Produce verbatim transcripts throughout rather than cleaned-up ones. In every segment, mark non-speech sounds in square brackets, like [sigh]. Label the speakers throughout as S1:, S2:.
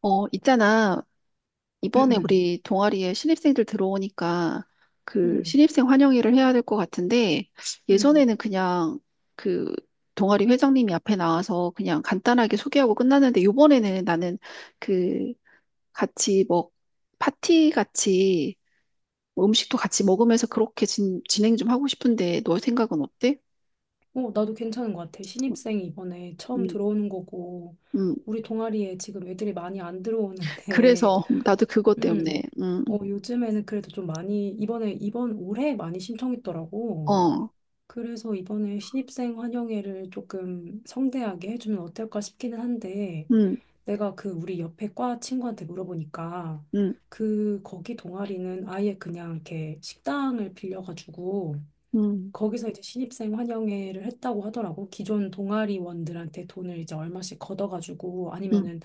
S1: 어, 있잖아.
S2: 응,
S1: 이번에
S2: 응,
S1: 우리 동아리에 신입생들 들어오니까 그
S2: 응.
S1: 신입생 환영회를 해야 될 것 같은데
S2: 응.
S1: 예전에는 그냥 그 동아리 회장님이 앞에 나와서 그냥 간단하게 소개하고 끝났는데 이번에는 나는 그 같이 뭐 파티 같이 뭐 음식도 같이 먹으면서 그렇게 진, 진행 좀 하고 싶은데 너 생각은 어때?
S2: 어, 나도 괜찮은 것 같아. 신입생이 이번에 처음
S1: 음,
S2: 들어오는 거고,
S1: 음.
S2: 우리 동아리에 지금 애들이 많이 안 들어오는데,
S1: 그래서 [laughs] 나도
S2: [laughs]
S1: 그것 때문에.
S2: 음,
S1: 음,
S2: 어, 요즘에는 그래도 좀 많이, 이번에, 이번 올해 많이 신청했더라고.
S1: 어,
S2: 그래서 이번에 신입생 환영회를 조금 성대하게 해주면 어떨까 싶기는 한데,
S1: 음,
S2: 내가 그 우리 옆에 과 친구한테 물어보니까,
S1: 음,
S2: 그, 거기 동아리는 아예 그냥 이렇게 식당을 빌려가지고,
S1: 음,
S2: 거기서 이제 신입생 환영회를 했다고 하더라고. 기존 동아리원들한테 돈을 이제 얼마씩 걷어가지고
S1: 음,
S2: 아니면은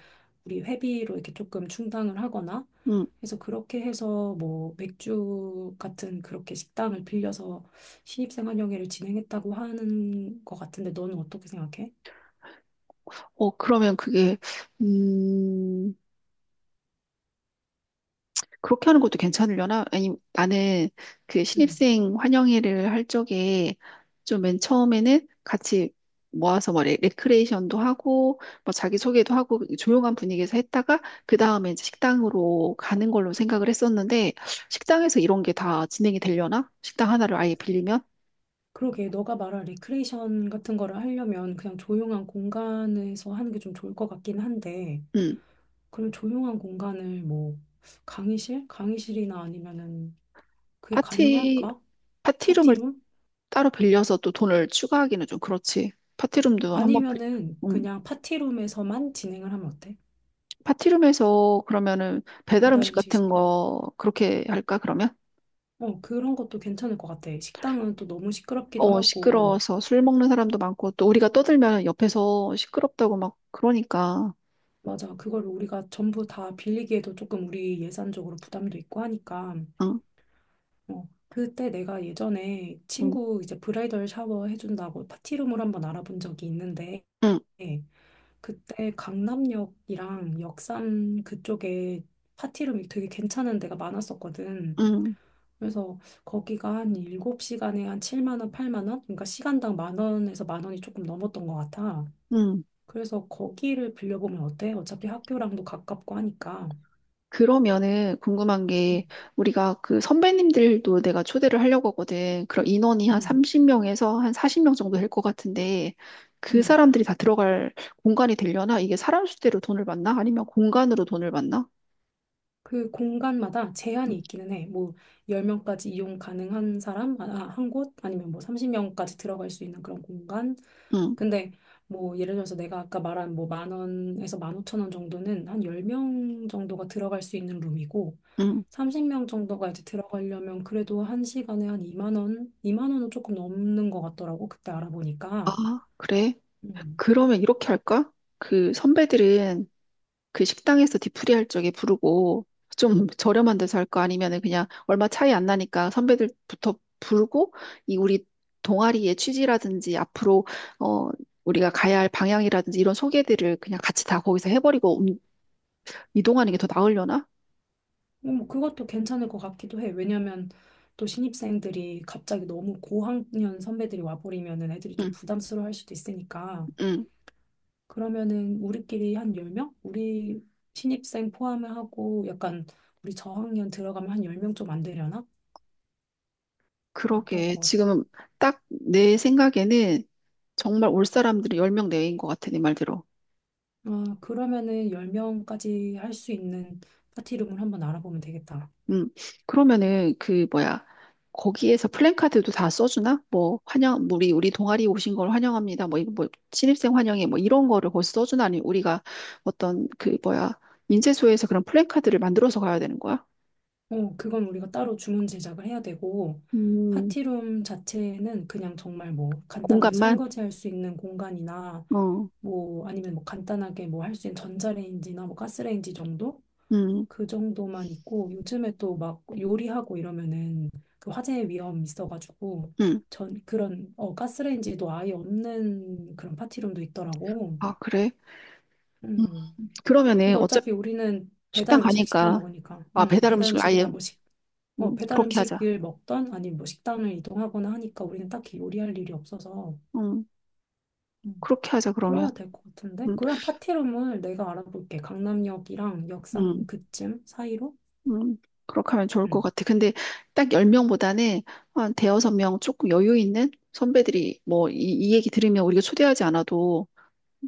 S2: 우리 회비로 이렇게 조금 충당을 하거나
S1: 음.
S2: 그래서 그렇게 해서 뭐 맥주 같은 그렇게 식당을 빌려서 신입생 환영회를 진행했다고 하는 것 같은데 너는 어떻게 생각해?
S1: 어, 그러면 그게, 음, 그렇게 하는 것도 괜찮으려나? 아니, 나는 그
S2: 음.
S1: 신입생 환영회를 할 적에 좀 맨 처음에는 같이 모아서 뭐 레, 레크레이션도 하고, 뭐 자기소개도 하고, 조용한 분위기에서 했다가, 그 다음에 이제 식당으로 가는 걸로 생각을 했었는데, 식당에서 이런 게 다 진행이 되려나? 식당 하나를 아예 빌리면?
S2: 그러게 너가 말한 리크레이션 같은 거를 하려면 그냥 조용한 공간에서 하는 게 좀 좋을 것 같긴 한데
S1: 음,
S2: 그런 조용한 공간을 뭐 강의실? 강의실이나 아니면은 그게
S1: 파티,
S2: 가능할까?
S1: 파티룸을
S2: 파티룸?
S1: 따로 빌려서 또 돈을 추가하기는 좀 그렇지. 파티룸도 한번 빌려.
S2: 아니면은 그냥 파티룸에서만 진행을 하면 어때?
S1: 파티룸에서 그러면은 배달
S2: 배달
S1: 음식
S2: 음식
S1: 같은
S2: 시켜.
S1: 거 그렇게 할까, 그러면?
S2: 어, 그런 것도 괜찮을 것 같아. 식당은 또 너무 시끄럽기도
S1: 어,
S2: 하고.
S1: 시끄러워서 술 먹는 사람도 많고 또 우리가 떠들면 옆에서 시끄럽다고 막 그러니까.
S2: 맞아. 그걸 우리가 전부 다 빌리기에도 조금 우리 예산적으로 부담도 있고 하니까.
S1: 응,
S2: 어, 그때 내가 예전에
S1: 응,
S2: 친구 이제 브라이덜 샤워 해준다고 파티룸을 한번 알아본 적이 있는데
S1: 응,
S2: 그때 강남역이랑 역삼 그쪽에 파티룸이 되게 괜찮은 데가 많았었거든.
S1: 응,
S2: 그래서 거기가 한 일곱 시간에 한 칠만 원, 팔만 원? 그러니까 시간당 만 원에서 만 원이 조금 넘었던 것 같아.
S1: 응.
S2: 그래서 거기를 빌려보면 어때? 어차피 학교랑도 가깝고 하니까.
S1: 그러면은 궁금한 게 우리가 그 선배님들도 내가 초대를 하려고 하거든. 그럼 인원이 한
S2: 응,
S1: 서른 명에서 한 마흔 명 정도 될 것 같은데 그
S2: 응,
S1: 사람들이 다 들어갈 공간이 되려나? 이게 사람 수대로 돈을 받나? 아니면 공간으로 돈을 받나?
S2: 그 공간마다
S1: 응,
S2: 제한이 있기는 해. 뭐 열 명까지 이용 가능한 사람 아, 아, 한 곳, 아니면 뭐 삼십 명까지 들어갈 수 있는 그런 공간.
S1: 응,
S2: 근데 뭐 예를 들어서 내가 아까 말한 뭐 만 원에서 만 오천 원 정도는 한 열 명 정도가 들어갈 수 있는 룸이고
S1: 응.
S2: 삼십 명 정도가 이제 들어가려면 그래도 한 시간에 한 이만 원, 이만 원은 조금 넘는 것 같더라고. 그때 알아보니까.
S1: 아, 그래?
S2: 음.
S1: 그러면 이렇게 할까? 그 선배들은 그 식당에서 디프리 할 적에 부르고 좀 저렴한 데서 할까? 아니면은 그냥 얼마 차이 안 나니까 선배들부터 부르고 이 우리 동아리의 취지라든지 앞으로 어 우리가 가야 할 방향이라든지 이런 소개들을 그냥 같이 다 거기서 해버리고 음, 이동하는 게 더 나으려나?
S2: 음, 그것도 괜찮을 것 같기도 해. 왜냐면 또 신입생들이 갑자기 너무 고학년 선배들이 와버리면은 애들이 좀
S1: 응,
S2: 부담스러워 할 수도 있으니까.
S1: 응.
S2: 그러면은 우리끼리 한 열 명? 우리 신입생 포함을 하고 약간 우리 저학년 들어가면 한 열 명 좀 안 되려나? 어떨
S1: 그러게.
S2: 것 같아.
S1: 지금 딱 내 생각에는 정말 올 사람들이 열 명 내외인 것 같아, 네 말대로.
S2: 아, 그러면은 열 명까지 할 수 있는 파티룸을 한번 알아보면 되겠다.
S1: 음, 그러면은 그 뭐야 거기에서 플랜카드도 다 써주나? 뭐 환영 우리 우리 동아리 오신 걸 환영합니다. 뭐 이거 뭐 신입생 환영회 뭐 이런 거를 거기 서 써주나? 아니 우리가 어떤 그 뭐야 인쇄소에서 그런 플랜카드를 만들어서 가야 되는 거야?
S2: 어, 그건 우리가 따로 주문 제작을 해야 되고,
S1: 음,
S2: 파티룸 자체는 그냥 정말 뭐 간단하게
S1: 공간만?
S2: 설거지 할 수 있는 공간이나
S1: 어,
S2: 뭐 아니면 뭐 간단하게 뭐 할 수 있는 전자레인지나 뭐 가스레인지 정도?
S1: 음,
S2: 그 정도만 있고 요즘에 또 막 요리하고 이러면은 그 화재 위험 있어가지고
S1: 음,
S2: 전 그런 어 가스레인지도 아예 없는 그런 파티룸도 있더라고.
S1: 아 그래? 음,
S2: 음.
S1: 그러면은
S2: 근데
S1: 어차피
S2: 어차피 우리는 배달
S1: 식당
S2: 음식 시켜
S1: 가니까
S2: 먹으니까.
S1: 아
S2: 음,
S1: 배달
S2: 배달
S1: 음식을 아예
S2: 음식이나 뭐 어,
S1: 음,
S2: 배달
S1: 그렇게 하자.
S2: 음식을 먹던 아니면 뭐 식당을 이동하거나 하니까 우리는 딱히 요리할 일이 없어서
S1: 음,
S2: 음.
S1: 그렇게 하자 그러면.
S2: 그러면 될 것 같은데?
S1: 음,
S2: 그럼 파티룸을 내가 알아볼게. 강남역이랑
S1: 음.
S2: 역삼 그쯤 사이로?
S1: 음, 그렇게 하면 좋을 것
S2: 응,
S1: 같아. 근데 딱 열 명보다는 한 대여섯 명 조금 여유 있는 선배들이 뭐 이, 이 얘기 들으면 우리가 초대하지 않아도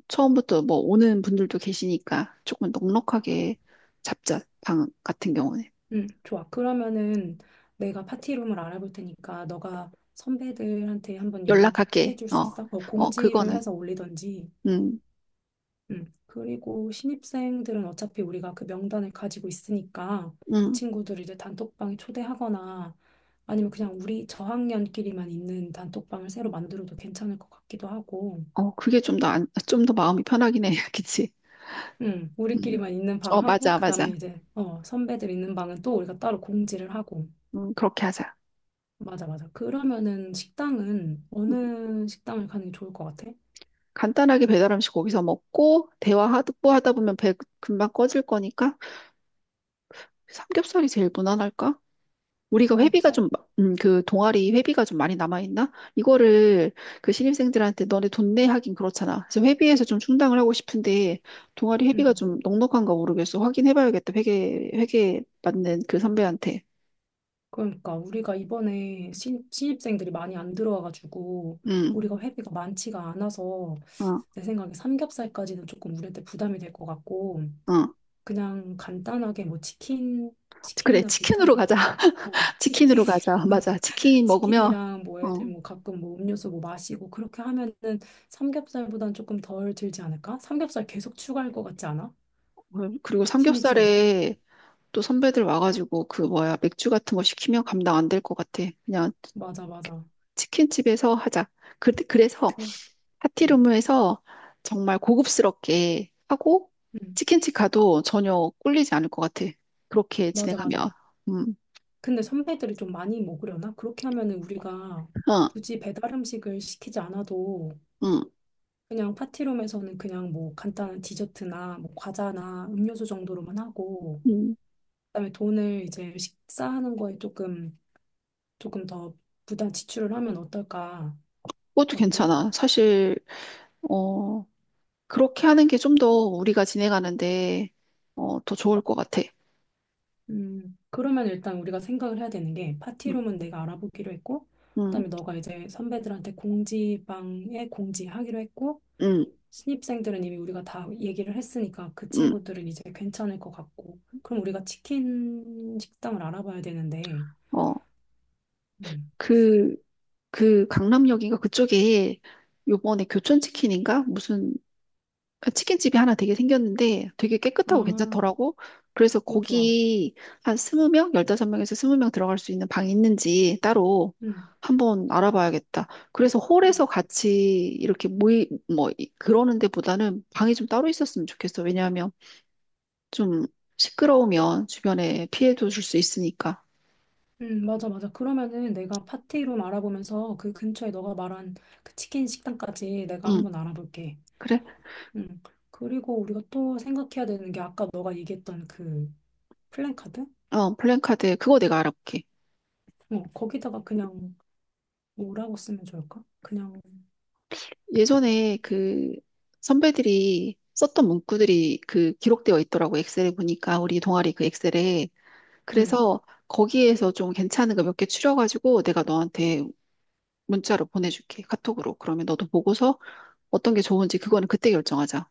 S1: 처음부터 뭐 오는 분들도 계시니까 조금 넉넉하게 잡자. 방 같은 경우는.
S2: 응, 좋아. 그러면은 내가 파티룸을 알아볼 테니까 너가 선배들한테 한번 연락해
S1: 연락할게.
S2: 줄 수
S1: 어,
S2: 있어? 뭐
S1: 어,
S2: 공지를
S1: 그거는.
S2: 해서 올리던지
S1: 음,
S2: 음, 그리고 신입생들은 어차피 우리가 그 명단을 가지고 있으니까 그
S1: 음.
S2: 친구들을 이제 단톡방에 초대하거나 아니면 그냥 우리 저학년끼리만 있는 단톡방을 새로 만들어도 괜찮을 것 같기도 하고,
S1: 어, 그게 좀 더, 안, 좀 더 마음이 편하긴 해. [laughs] 그치?
S2: 음,
S1: 음.
S2: 우리끼리만 있는
S1: 어,
S2: 방하고,
S1: 맞아, 맞아.
S2: 그다음에 이제, 어, 선배들 있는 방은 또 우리가 따로 공지를 하고.
S1: 음, 그렇게 하자.
S2: 맞아, 맞아. 그러면은 식당은
S1: 음,
S2: 어느 식당을 가는 게 좋을 것 같아?
S1: 간단하게 배달 음식 거기서 먹고, 대화 하다, 하다 보면 배 금방 꺼질 거니까, 삼겹살이 제일 무난할까? 우리가 회비가
S2: 삼겹살?
S1: 좀, 마- 음, 그 동아리 회비가 좀 많이 남아있나? 이거를 그 신입생들한테 너네 돈내 하긴 그렇잖아. 그래서 회비에서 좀 충당을 하고 싶은데 동아리 회비가 좀 넉넉한가 모르겠어. 확인해봐야겠다. 회계, 회계 맞는 그 선배한테.
S2: 그러니까 우리가 이번에 신, 신입생들이 많이 안 들어와가지고
S1: 응,
S2: 우리가 회비가 많지가 않아서
S1: 어,
S2: 내 생각에 삼겹살까지는 조금 우리한테 부담이 될 것 같고
S1: 어.
S2: 그냥 간단하게 뭐 치킨
S1: 그래,
S2: 치킨이나
S1: 치킨으로
S2: 비슷한
S1: 가자.
S2: 어
S1: [laughs]
S2: 치킨
S1: 치킨으로 가자. 맞아.
S2: [laughs]
S1: 치킨 먹으면,
S2: 치킨이랑 뭐
S1: 어,
S2: 애들 뭐 가끔 뭐 음료수 뭐 마시고 그렇게 하면은 삼겹살보단 조금 덜 들지 않을까? 삼겹살 계속 추가할 것 같지 않아?
S1: 그리고
S2: 신입생들?
S1: 삼겹살에 또 선배들 와가지고 그 뭐야, 맥주 같은 거 시키면 감당 안 될 것 같아. 그냥
S2: 맞아 맞아
S1: 치킨집에서 하자. 그, 그래서
S2: 그 음,
S1: 파티룸에서 정말 고급스럽게 하고
S2: 음,
S1: 치킨집 가도 전혀 꿀리지 않을 것 같아. 그렇게
S2: 맞아 맞아
S1: 진행하면. 음,
S2: 근데 선배들이 좀 많이 먹으려나? 그렇게 하면은 우리가
S1: 어,
S2: 굳이 배달 음식을 시키지 않아도
S1: 음,
S2: 그냥 파티룸에서는 그냥 뭐 간단한 디저트나 뭐 과자나 음료수 정도로만 하고
S1: 음.
S2: 그다음에 돈을 이제 식사하는 거에 조금 조금 더 부담 지출을 하면 어떨까?
S1: 그것도
S2: 어때?
S1: 괜찮아. 사실, 어, 그렇게 하는 게 좀 더 우리가 진행하는데, 어, 더 좋을 것 같아.
S2: 음, 그러면 일단 우리가 생각을 해야 되는 게
S1: 음,
S2: 파티룸은 내가 알아보기로 했고
S1: 음,
S2: 그다음에 너가 이제 선배들한테 공지방에 공지하기로 했고
S1: 음,
S2: 신입생들은 이미 우리가 다 얘기를 했으니까 그
S1: 음.
S2: 친구들은 이제 괜찮을 것 같고. 그럼 우리가 치킨 식당을 알아봐야 되는데.
S1: 어,
S2: 음.
S1: 그, 그 강남역인가 그쪽에 요번에 교촌치킨인가? 무슨 그러니까 치킨집이 하나 되게 생겼는데 되게 깨끗하고
S2: 아,
S1: 괜찮더라고. 그래서
S2: 오, 좋아.
S1: 거기 한 스무 명, 열다섯 명에서 스무 명 들어갈 수 있는 방이 있는지 따로
S2: 음.
S1: 한번 알아봐야겠다. 그래서
S2: 어.
S1: 홀에서 같이 이렇게 모이, 뭐, 이- 그러는 데보다는 방이 좀 따로 있었으면 좋겠어. 왜냐하면 좀 시끄러우면 주변에 피해도 줄 수 있으니까.
S2: 음, 맞아, 맞아. 그러면은 내가 파티룸 알아보면서 그 근처에 너가 말한 그 치킨 식당까지 내가
S1: 응,
S2: 한번 알아볼게.
S1: 그래.
S2: 음. 그리고 우리가 또 생각해야 되는 게 아까 너가 얘기했던 그 플랜카드?
S1: 어, 플랜카드, 그거 내가 알아볼게.
S2: 어, 거기다가 그냥 뭐라고 쓰면 좋을까? 그냥
S1: 예전에 그 선배들이 썼던 문구들이 그 기록되어 있더라고 엑셀에 보니까 우리 동아리 그 엑셀에 그래서 거기에서 좀 괜찮은 거 몇 개 추려가지고 내가 너한테 문자로 보내줄게 카톡으로 그러면 너도 보고서 어떤 게 좋은지 그거는 그때 결정하자.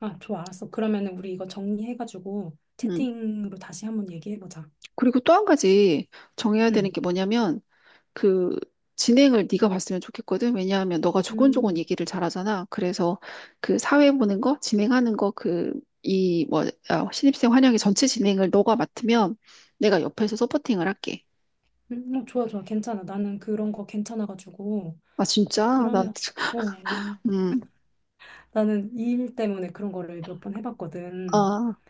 S2: 아, 좋아, 알았어. 그러면은 우리 이거 정리해가지고
S1: 음
S2: 채팅으로 다시 한번 얘기해보자.
S1: 그리고 또 한 가지 정해야 되는
S2: 응.
S1: 게 뭐냐면 그 진행을 네가 봤으면 좋겠거든. 왜냐하면 너가 조곤조곤
S2: 음,
S1: 얘기를 잘하잖아. 그래서 그 사회 보는 거, 진행하는 거, 그 이뭐 아, 신입생 환영회 전체 진행을 너가 맡으면 내가 옆에서 서포팅을 할게.
S2: 음, 어, 좋아, 좋아. 괜찮아. 나는 그런 거 괜찮아가지고.
S1: 아 진짜? 나
S2: 그러면, 어, 난,
S1: 음,
S2: 나는 이 일 때문에 그런 거를 몇 번 해봤거든.
S1: 아,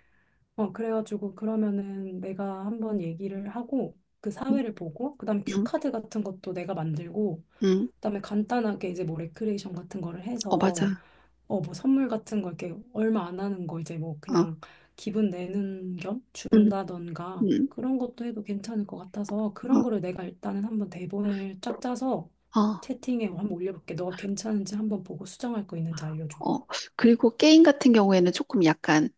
S2: 어, 그래가지고 그러면은 내가 한번 얘기를 하고, 그
S1: 음,
S2: 사회를 보고, 그다음에
S1: 음,
S2: 큐카드 같은 것도 내가 만들고,
S1: 음.
S2: 그다음에 간단하게 이제 뭐 레크레이션 같은 거를
S1: 어
S2: 해서
S1: 맞아.
S2: 어, 뭐 선물 같은 거 이렇게 얼마 안 하는 거 이제 뭐
S1: 어,
S2: 그냥 기분 내는 겸
S1: 음,
S2: 준다던가
S1: 음,
S2: 그런 것도 해도 괜찮을 것 같아서 그런 거를 내가 일단은 한번 대본을 쫙 짜서
S1: 어, 어,
S2: 채팅에 한번 올려볼게. 너가 괜찮은지 한번 보고 수정할 거 있는지 알려줘.
S1: 어. 그리고 게임 같은 경우에는 조금 약간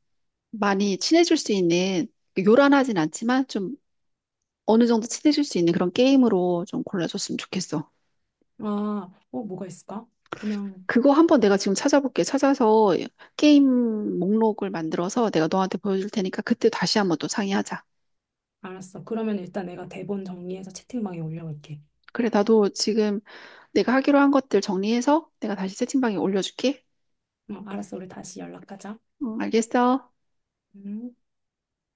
S1: 많이 친해질 수 있는 요란하진 않지만 좀 어느 정도 친해질 수 있는 그런 게임으로 좀 골라줬으면 좋겠어.
S2: 아, 어, 뭐가 있을까? 그냥
S1: 그거 한번 내가 지금 찾아볼게. 찾아서 게임 목록을 만들어서 내가 너한테 보여줄 테니까 그때 다시 한번 또 상의하자.
S2: 알았어. 그러면 일단 내가 대본 정리해서 채팅방에 올려볼게.
S1: 그래, 나도 지금 내가 하기로 한 것들 정리해서 내가 다시 채팅방에 올려줄게.
S2: 어, 알았어. 우리 다시 연락하자.
S1: 응, 알겠어.
S2: 음.